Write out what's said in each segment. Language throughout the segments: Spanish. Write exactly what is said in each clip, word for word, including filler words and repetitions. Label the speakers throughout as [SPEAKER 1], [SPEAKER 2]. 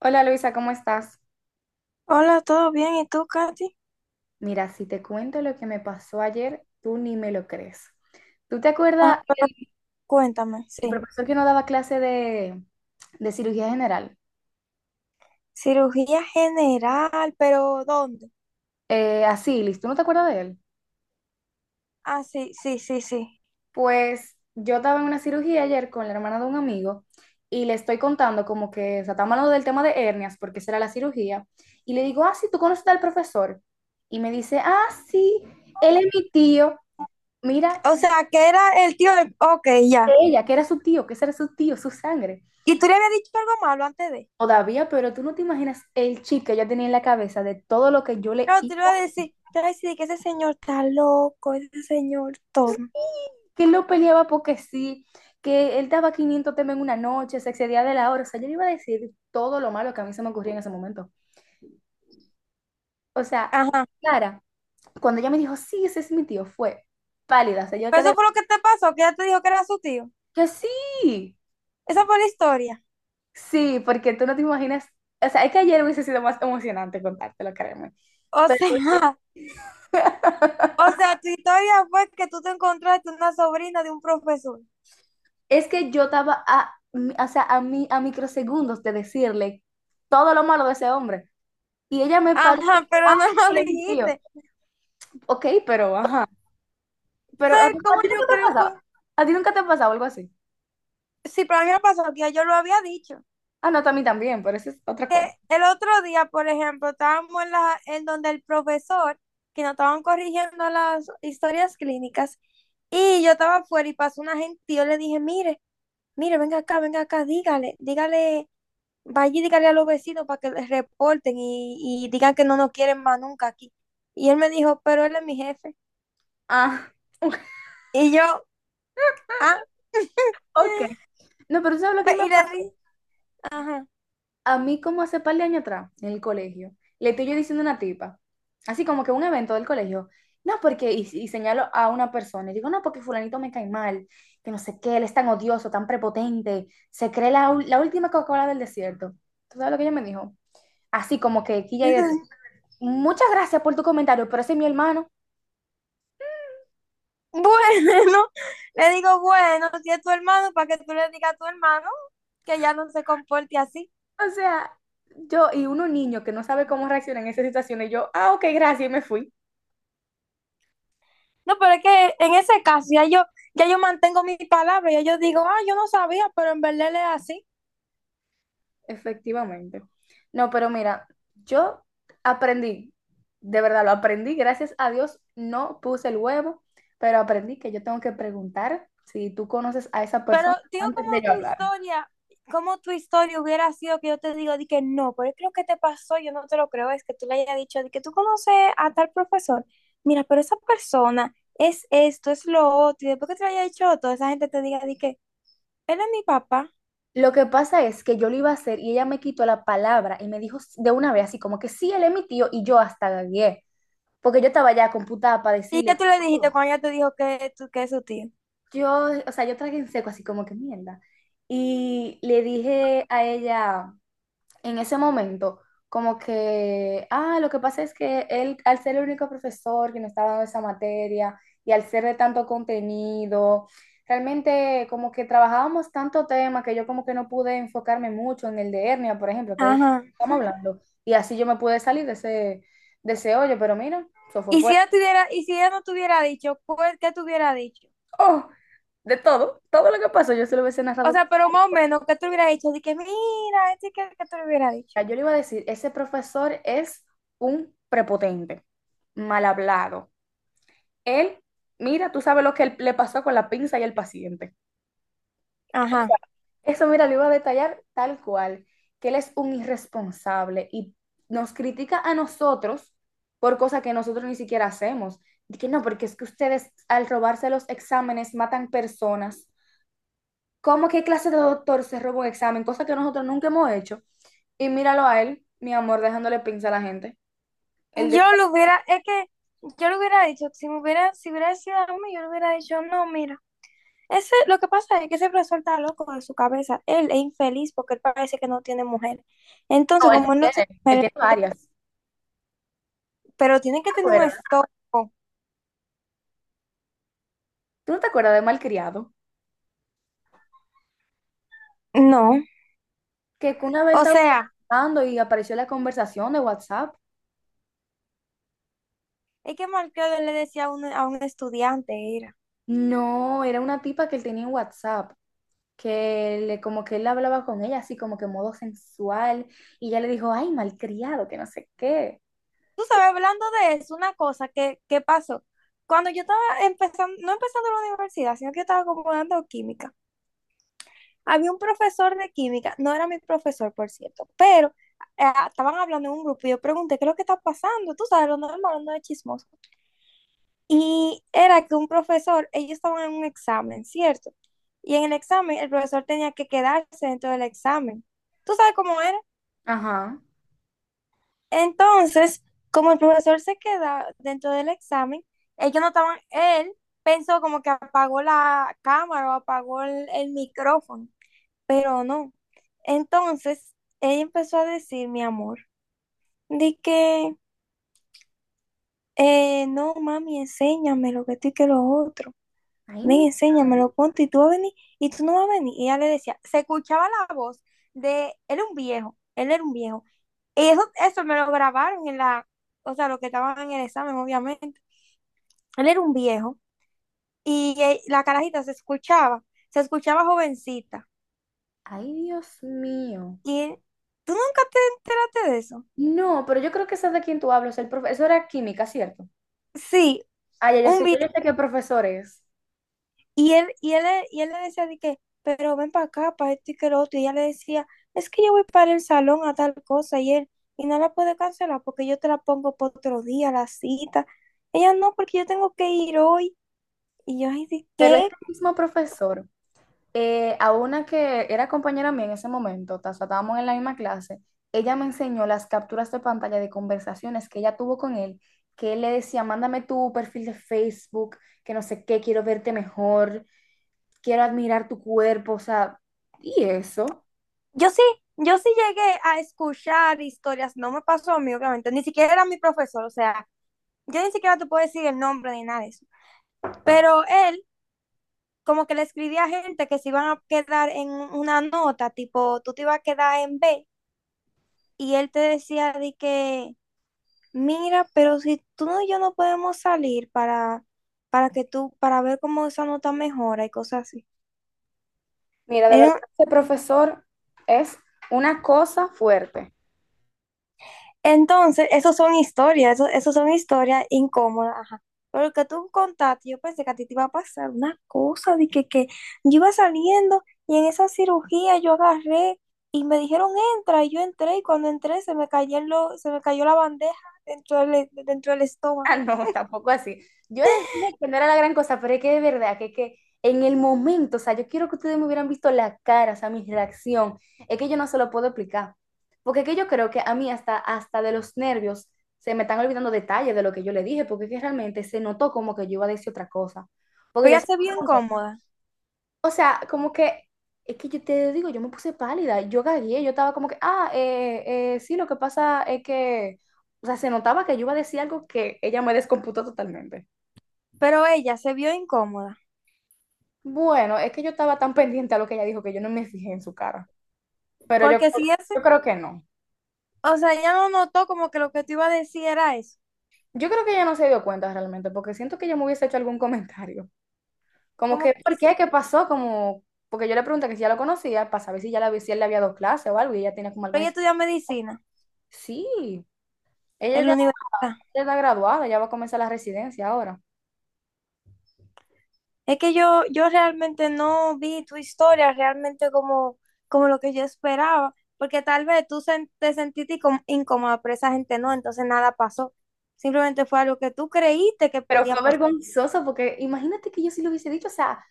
[SPEAKER 1] Hola Luisa, ¿cómo estás?
[SPEAKER 2] Hola, ¿todo bien? ¿Y tú, Katy?
[SPEAKER 1] Mira, si te cuento lo que me pasó ayer, tú ni me lo crees. ¿Tú te
[SPEAKER 2] Ah,
[SPEAKER 1] acuerdas el,
[SPEAKER 2] cuéntame,
[SPEAKER 1] el
[SPEAKER 2] sí.
[SPEAKER 1] profesor que nos daba clase de, de cirugía general?
[SPEAKER 2] Cirugía general, pero ¿dónde?
[SPEAKER 1] Eh, Asilis, ¿tú no te acuerdas de él?
[SPEAKER 2] Ah, sí, sí, sí, sí.
[SPEAKER 1] Pues yo estaba en una cirugía ayer con la hermana de un amigo y le estoy contando como que, o sea, estamos hablando del tema de hernias porque esa era la cirugía. Y le digo, ah, sí, ¿tú conoces al profesor? Y me dice, ah, sí, él es mi tío. Mira,
[SPEAKER 2] O sea, que era el tío del... Ok, ya.
[SPEAKER 1] ella, que era su tío, que ese era su tío, su sangre.
[SPEAKER 2] ¿Y tú le habías dicho algo malo antes de?
[SPEAKER 1] Todavía, pero tú no te imaginas el chip que ella tenía en la cabeza de todo lo que yo le
[SPEAKER 2] No, tú
[SPEAKER 1] hice,
[SPEAKER 2] le ibas a decir, te ibas a decir que ese señor está loco, ese señor tonto.
[SPEAKER 1] que él no peleaba porque sí, que él daba quinientos temas en una noche, se excedía de la hora. O sea, yo le iba a decir todo lo malo que a mí se me ocurría en ese momento. O sea,
[SPEAKER 2] Ajá.
[SPEAKER 1] Clara, cuando ella me dijo, sí, ese es mi tío, fue pálida. O sea, yo
[SPEAKER 2] Pero
[SPEAKER 1] quedé,
[SPEAKER 2] eso fue lo que te pasó, que ya te dijo que era su tío.
[SPEAKER 1] que sí,
[SPEAKER 2] Esa fue la historia.
[SPEAKER 1] sí, porque tú no te imaginas. O sea, es que ayer hubiese sido más emocionante contártelo, créeme.
[SPEAKER 2] O
[SPEAKER 1] Pero
[SPEAKER 2] sea, o sea, tu historia fue que tú te encontraste una sobrina de un profesor.
[SPEAKER 1] es que yo estaba a, o sea, a, mi, a microsegundos de decirle todo lo malo de ese hombre. Y ella me paró.
[SPEAKER 2] Ajá,
[SPEAKER 1] Ah,
[SPEAKER 2] pero no lo
[SPEAKER 1] que le mentí yo.
[SPEAKER 2] dijiste.
[SPEAKER 1] Ok, pero ajá.
[SPEAKER 2] ¿Tú
[SPEAKER 1] Pero ¿a
[SPEAKER 2] sabes
[SPEAKER 1] ti, a
[SPEAKER 2] cómo
[SPEAKER 1] ti nunca
[SPEAKER 2] yo
[SPEAKER 1] te ha
[SPEAKER 2] creo
[SPEAKER 1] pasado?
[SPEAKER 2] que?
[SPEAKER 1] ¿A ti nunca te ha pasado algo así?
[SPEAKER 2] Sí, pero a mí me pasó que ya yo lo había dicho.
[SPEAKER 1] Ah, no, a mí también, pero eso es otra
[SPEAKER 2] Que
[SPEAKER 1] cuenta.
[SPEAKER 2] el otro día, por ejemplo, estábamos en, la, en donde el profesor, que nos estaban corrigiendo las historias clínicas, y yo estaba afuera y pasó una gente y yo le dije, mire, mire, venga acá, venga acá, dígale, dígale, vaya y dígale a los vecinos para que les reporten y, y digan que no nos quieren más nunca aquí. Y él me dijo, pero él es mi jefe.
[SPEAKER 1] Ah,
[SPEAKER 2] Y yo, ah,
[SPEAKER 1] ok. No, pero ¿tú sabes lo que a mí me
[SPEAKER 2] y le
[SPEAKER 1] pasó?
[SPEAKER 2] dije, ajá.
[SPEAKER 1] A mí como hace par de años atrás, en el colegio, le estoy yo diciendo a una tipa, así como que un evento del colegio, no, porque, y, y señalo a una persona, y digo, no, porque fulanito me cae mal, que no sé qué, él es tan odioso, tan prepotente, se cree la, ul- la última Coca-Cola del desierto. ¿Tú sabes lo que ella me dijo? Así como que aquí ya hay de todo. Muchas gracias por tu comentario, pero ese es mi hermano.
[SPEAKER 2] Bueno, le digo, bueno, si es tu hermano, para que tú le digas a tu hermano que ya no se comporte así.
[SPEAKER 1] O sea, yo y uno niño que no sabe cómo reaccionar en esas situaciones, yo, ah, ok, gracias, y me fui.
[SPEAKER 2] No, pero es que en ese caso ya yo, ya yo mantengo mi palabra, ya yo digo, ah, yo no sabía, pero en verdad él es así.
[SPEAKER 1] Efectivamente. No, pero mira, yo aprendí, de verdad lo aprendí, gracias a Dios no puse el huevo, pero aprendí que yo tengo que preguntar si tú conoces a esa
[SPEAKER 2] Pero
[SPEAKER 1] persona
[SPEAKER 2] digo
[SPEAKER 1] antes de
[SPEAKER 2] como
[SPEAKER 1] yo
[SPEAKER 2] tu
[SPEAKER 1] hablar.
[SPEAKER 2] historia, como tu historia hubiera sido que yo te digo, di que no, pero es que lo que te pasó, yo no te lo creo, es que tú le hayas dicho, di que tú conoces a tal profesor, mira, pero esa persona es esto, es lo otro, y después que te lo haya dicho todo, esa gente te diga, di que él es mi papá.
[SPEAKER 1] Lo que pasa es que yo lo iba a hacer y ella me quitó la palabra y me dijo de una vez así como que sí, él es mi tío y yo hasta gagué, porque yo estaba ya computada para
[SPEAKER 2] ¿Y qué
[SPEAKER 1] decirle
[SPEAKER 2] tú le dijiste
[SPEAKER 1] todo.
[SPEAKER 2] cuando ella te dijo que, tú- que es su tío?
[SPEAKER 1] Yo, o sea, yo tragué en seco así como que mierda. Y le dije a ella, en ese momento, como que, ah, lo que pasa es que él, al ser el único profesor que nos estaba dando esa materia y al ser de tanto contenido, realmente como que trabajábamos tanto tema que yo como que no pude enfocarme mucho en el de hernia, por ejemplo, que es el que
[SPEAKER 2] Ajá.
[SPEAKER 1] estamos hablando, y así yo me pude salir de ese, de ese hoyo, pero mira, eso fue
[SPEAKER 2] Y si
[SPEAKER 1] fuerte.
[SPEAKER 2] ella tuviera, y si ella no te hubiera dicho, pues, ¿qué te hubiera dicho?
[SPEAKER 1] ¡Oh! De todo, todo lo que pasó, yo se lo hubiese
[SPEAKER 2] O
[SPEAKER 1] narrado.
[SPEAKER 2] sea, pero más o menos, ¿qué te hubiera dicho? De que, mira, este que, que te lo hubiera dicho.
[SPEAKER 1] Yo le iba a decir, ese profesor es un prepotente, mal hablado. Él, mira, tú sabes lo que él- le pasó con la pinza y el paciente.
[SPEAKER 2] Ajá.
[SPEAKER 1] Eso, mira, lo iba a detallar tal cual, que él es un irresponsable y nos critica a nosotros por cosas que nosotros ni siquiera hacemos. Y que no, porque es que ustedes al robarse los exámenes matan personas. ¿Cómo qué clase de doctor se roba un examen? Cosa que nosotros nunca hemos hecho. Y míralo a él, mi amor, dejándole pinza a la gente. Él de-
[SPEAKER 2] Yo lo hubiera, es que yo lo hubiera dicho, si me hubiera, si hubiera sido a mí, yo le hubiera dicho, no, mira, ese, lo que pasa es que ese profesor está loco de su cabeza, él es infeliz porque él parece que no tiene mujer. Entonces,
[SPEAKER 1] No,
[SPEAKER 2] como
[SPEAKER 1] él
[SPEAKER 2] él no
[SPEAKER 1] tiene,
[SPEAKER 2] tiene
[SPEAKER 1] él
[SPEAKER 2] mujer,
[SPEAKER 1] tiene varias. ¿Tú
[SPEAKER 2] pero tiene
[SPEAKER 1] no
[SPEAKER 2] que
[SPEAKER 1] te
[SPEAKER 2] tener un
[SPEAKER 1] acuerdas?
[SPEAKER 2] estómago,
[SPEAKER 1] ¿Tú no te acuerdas de Malcriado,
[SPEAKER 2] no,
[SPEAKER 1] que una vez
[SPEAKER 2] o
[SPEAKER 1] estaba
[SPEAKER 2] sea.
[SPEAKER 1] hablando y apareció la conversación de WhatsApp?
[SPEAKER 2] Es que Marquero le decía a un, a un estudiante, era.
[SPEAKER 1] No, era una tipa que él tenía en WhatsApp, que le, como que él hablaba con ella así como que en modo sensual y ella le dijo, ay, malcriado, que no sé qué.
[SPEAKER 2] Tú sabes, hablando de eso, una cosa que, que pasó. Cuando yo estaba empezando, no empezando la universidad, sino que yo estaba como dando química, había un profesor de química, no era mi profesor, por cierto, pero eh, estaban hablando en un grupo y yo pregunté, ¿qué es lo que está pasando? Tú sabes, lo normal, no es chismoso. Y era que un profesor, ellos estaban en un examen, ¿cierto? Y en el examen, el profesor tenía que quedarse dentro del examen. Tú sabes cómo era.
[SPEAKER 1] Ajá.
[SPEAKER 2] Entonces, como el profesor se queda dentro del examen, ellos no estaban, él pensó como que apagó la cámara o apagó el, el micrófono, pero no. Entonces, ella empezó a decir, mi amor, di que, eh, no, mami, enséñame lo que estoy que lo otro.
[SPEAKER 1] Ay,
[SPEAKER 2] Ven,
[SPEAKER 1] mi,
[SPEAKER 2] enséñamelo, ponte, y tú vas a venir, y tú no vas a venir. Y ella le decía, se escuchaba la voz de, él era un viejo, él era un viejo. Y eso, eso me lo grabaron en la, o sea, lo que estaban en el examen, obviamente. Él era un viejo, y eh, la carajita se escuchaba, se escuchaba jovencita.
[SPEAKER 1] ay, Dios mío.
[SPEAKER 2] Y él, ¿tú nunca te enteraste de eso?
[SPEAKER 1] No, pero yo creo que esa de quien tú hablas, el profesor era química, ¿cierto?
[SPEAKER 2] Sí,
[SPEAKER 1] Ay, ya yo
[SPEAKER 2] un
[SPEAKER 1] sé, yo
[SPEAKER 2] viejo.
[SPEAKER 1] ya sé qué profesor es,
[SPEAKER 2] Y él, y él, le- y él le decía de que, pero ven para acá, para esto y que lo otro. Y ella le decía, es que yo voy para el salón a tal cosa. Y él, y no la puede cancelar porque yo te la pongo para otro día, la cita. Ella, no, porque yo tengo que ir hoy. Y yo, ay, ¿de
[SPEAKER 1] pero es
[SPEAKER 2] qué?
[SPEAKER 1] el mismo profesor. Eh, a una que era compañera mía en ese momento, o sea, estábamos en la misma clase, ella me enseñó las capturas de pantalla de conversaciones que ella tuvo con él, que él le decía, mándame tu perfil de Facebook, que no sé qué, quiero verte mejor, quiero admirar tu cuerpo, o sea, y eso.
[SPEAKER 2] Yo sí, yo sí llegué a escuchar historias. No me pasó a mí, obviamente. Ni siquiera era mi profesor. O sea, yo ni siquiera te puedo decir el nombre ni nada de eso. Pero él, como que le escribía a gente que se iban a quedar en una nota, tipo, tú te ibas a quedar en B y él te decía de que, mira, pero si tú no y yo no podemos salir para, para que tú, para ver cómo esa nota mejora y cosas así.
[SPEAKER 1] Mira, de verdad,
[SPEAKER 2] En-
[SPEAKER 1] ese profesor es una cosa fuerte.
[SPEAKER 2] Entonces, esas son historias, eso, eso son historias incómodas, ajá. Pero lo que tú contaste, yo pensé que a ti te iba a pasar una cosa de que, que yo iba saliendo y en esa cirugía yo agarré y me dijeron entra y yo entré y cuando entré se me cayó, se me cayó la bandeja dentro del, dentro del estómago.
[SPEAKER 1] Ah, no, tampoco así. Yo les dije que no era la gran cosa, pero es que de verdad, que, que en el momento, o sea, yo quiero que ustedes me hubieran visto la cara, o sea, mi reacción. Es que yo no se lo puedo explicar. Porque es que yo creo que a mí hasta, hasta de los nervios se me están olvidando detalles de lo que yo le dije, porque es que realmente se notó como que yo iba a decir otra cosa. Porque
[SPEAKER 2] Pero
[SPEAKER 1] yo
[SPEAKER 2] ya
[SPEAKER 1] se
[SPEAKER 2] se
[SPEAKER 1] lo
[SPEAKER 2] bien
[SPEAKER 1] pregunté,
[SPEAKER 2] cómoda.
[SPEAKER 1] o sea, como que, es que yo te digo, yo me puse pálida, yo gagué, yo estaba como que, ah, eh, eh, sí, lo que pasa es que, o sea, se notaba que yo iba a decir algo que ella me descomputó totalmente.
[SPEAKER 2] Pero ella se vio incómoda,
[SPEAKER 1] Bueno, es que yo estaba tan pendiente a lo que ella dijo que yo no me fijé en su cara, pero yo,
[SPEAKER 2] porque si ese,
[SPEAKER 1] yo creo que no.
[SPEAKER 2] o sea, ella no notó como que lo que tú ibas a decir era eso,
[SPEAKER 1] Yo creo que ella no se dio cuenta realmente, porque siento que ella me hubiese hecho algún comentario. Como que,
[SPEAKER 2] como,
[SPEAKER 1] ¿por
[SPEAKER 2] y si,
[SPEAKER 1] qué? ¿Qué pasó? Como, porque yo le pregunté que si ya lo conocía, para saber si ya la, si él le había dado clase o algo, y ella tenía como
[SPEAKER 2] pero
[SPEAKER 1] alguna...
[SPEAKER 2] ella
[SPEAKER 1] ex-
[SPEAKER 2] estudia medicina
[SPEAKER 1] Sí, ella
[SPEAKER 2] en
[SPEAKER 1] ya
[SPEAKER 2] la universidad.
[SPEAKER 1] ya está graduada, ya va a comenzar la residencia ahora.
[SPEAKER 2] Es que yo, yo realmente no vi tu historia realmente como, como lo que yo esperaba, porque tal vez tú sen- te sentiste incó- incómoda, pero esa gente no, entonces nada pasó. Simplemente fue algo que tú creíste que
[SPEAKER 1] Pero
[SPEAKER 2] podía
[SPEAKER 1] fue
[SPEAKER 2] pasar.
[SPEAKER 1] vergonzoso porque imagínate que yo sí lo hubiese dicho, o sea,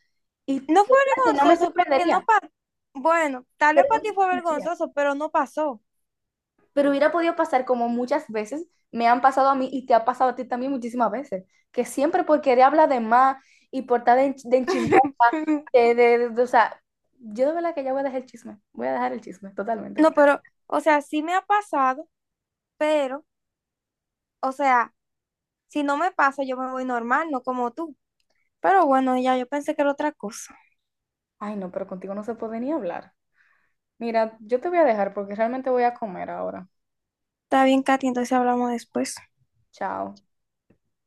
[SPEAKER 1] y de
[SPEAKER 2] No fue
[SPEAKER 1] verdad que no me
[SPEAKER 2] vergonzoso porque no
[SPEAKER 1] sorprendería,
[SPEAKER 2] pasó. Bueno, tal vez
[SPEAKER 1] pero no
[SPEAKER 2] para
[SPEAKER 1] me
[SPEAKER 2] ti fue
[SPEAKER 1] sorprendería.
[SPEAKER 2] vergonzoso, pero no pasó.
[SPEAKER 1] Pero hubiera podido pasar como muchas veces me han pasado a mí y te ha pasado a ti también muchísimas veces, que siempre por querer hablar de más y por estar de, ench- de enchimosa, de, de- de- de- o sea, yo de verdad que ya voy a dejar el chisme, voy a dejar el chisme totalmente.
[SPEAKER 2] No, pero, o sea, sí me ha pasado, pero, o sea, si no me pasa, yo me voy normal, no como tú. Pero bueno, ya yo pensé que era otra cosa.
[SPEAKER 1] Ay, no, pero contigo no se puede ni hablar. Mira, yo te voy a dejar porque realmente voy a comer ahora.
[SPEAKER 2] Está bien, Katy, entonces hablamos después.
[SPEAKER 1] Chao.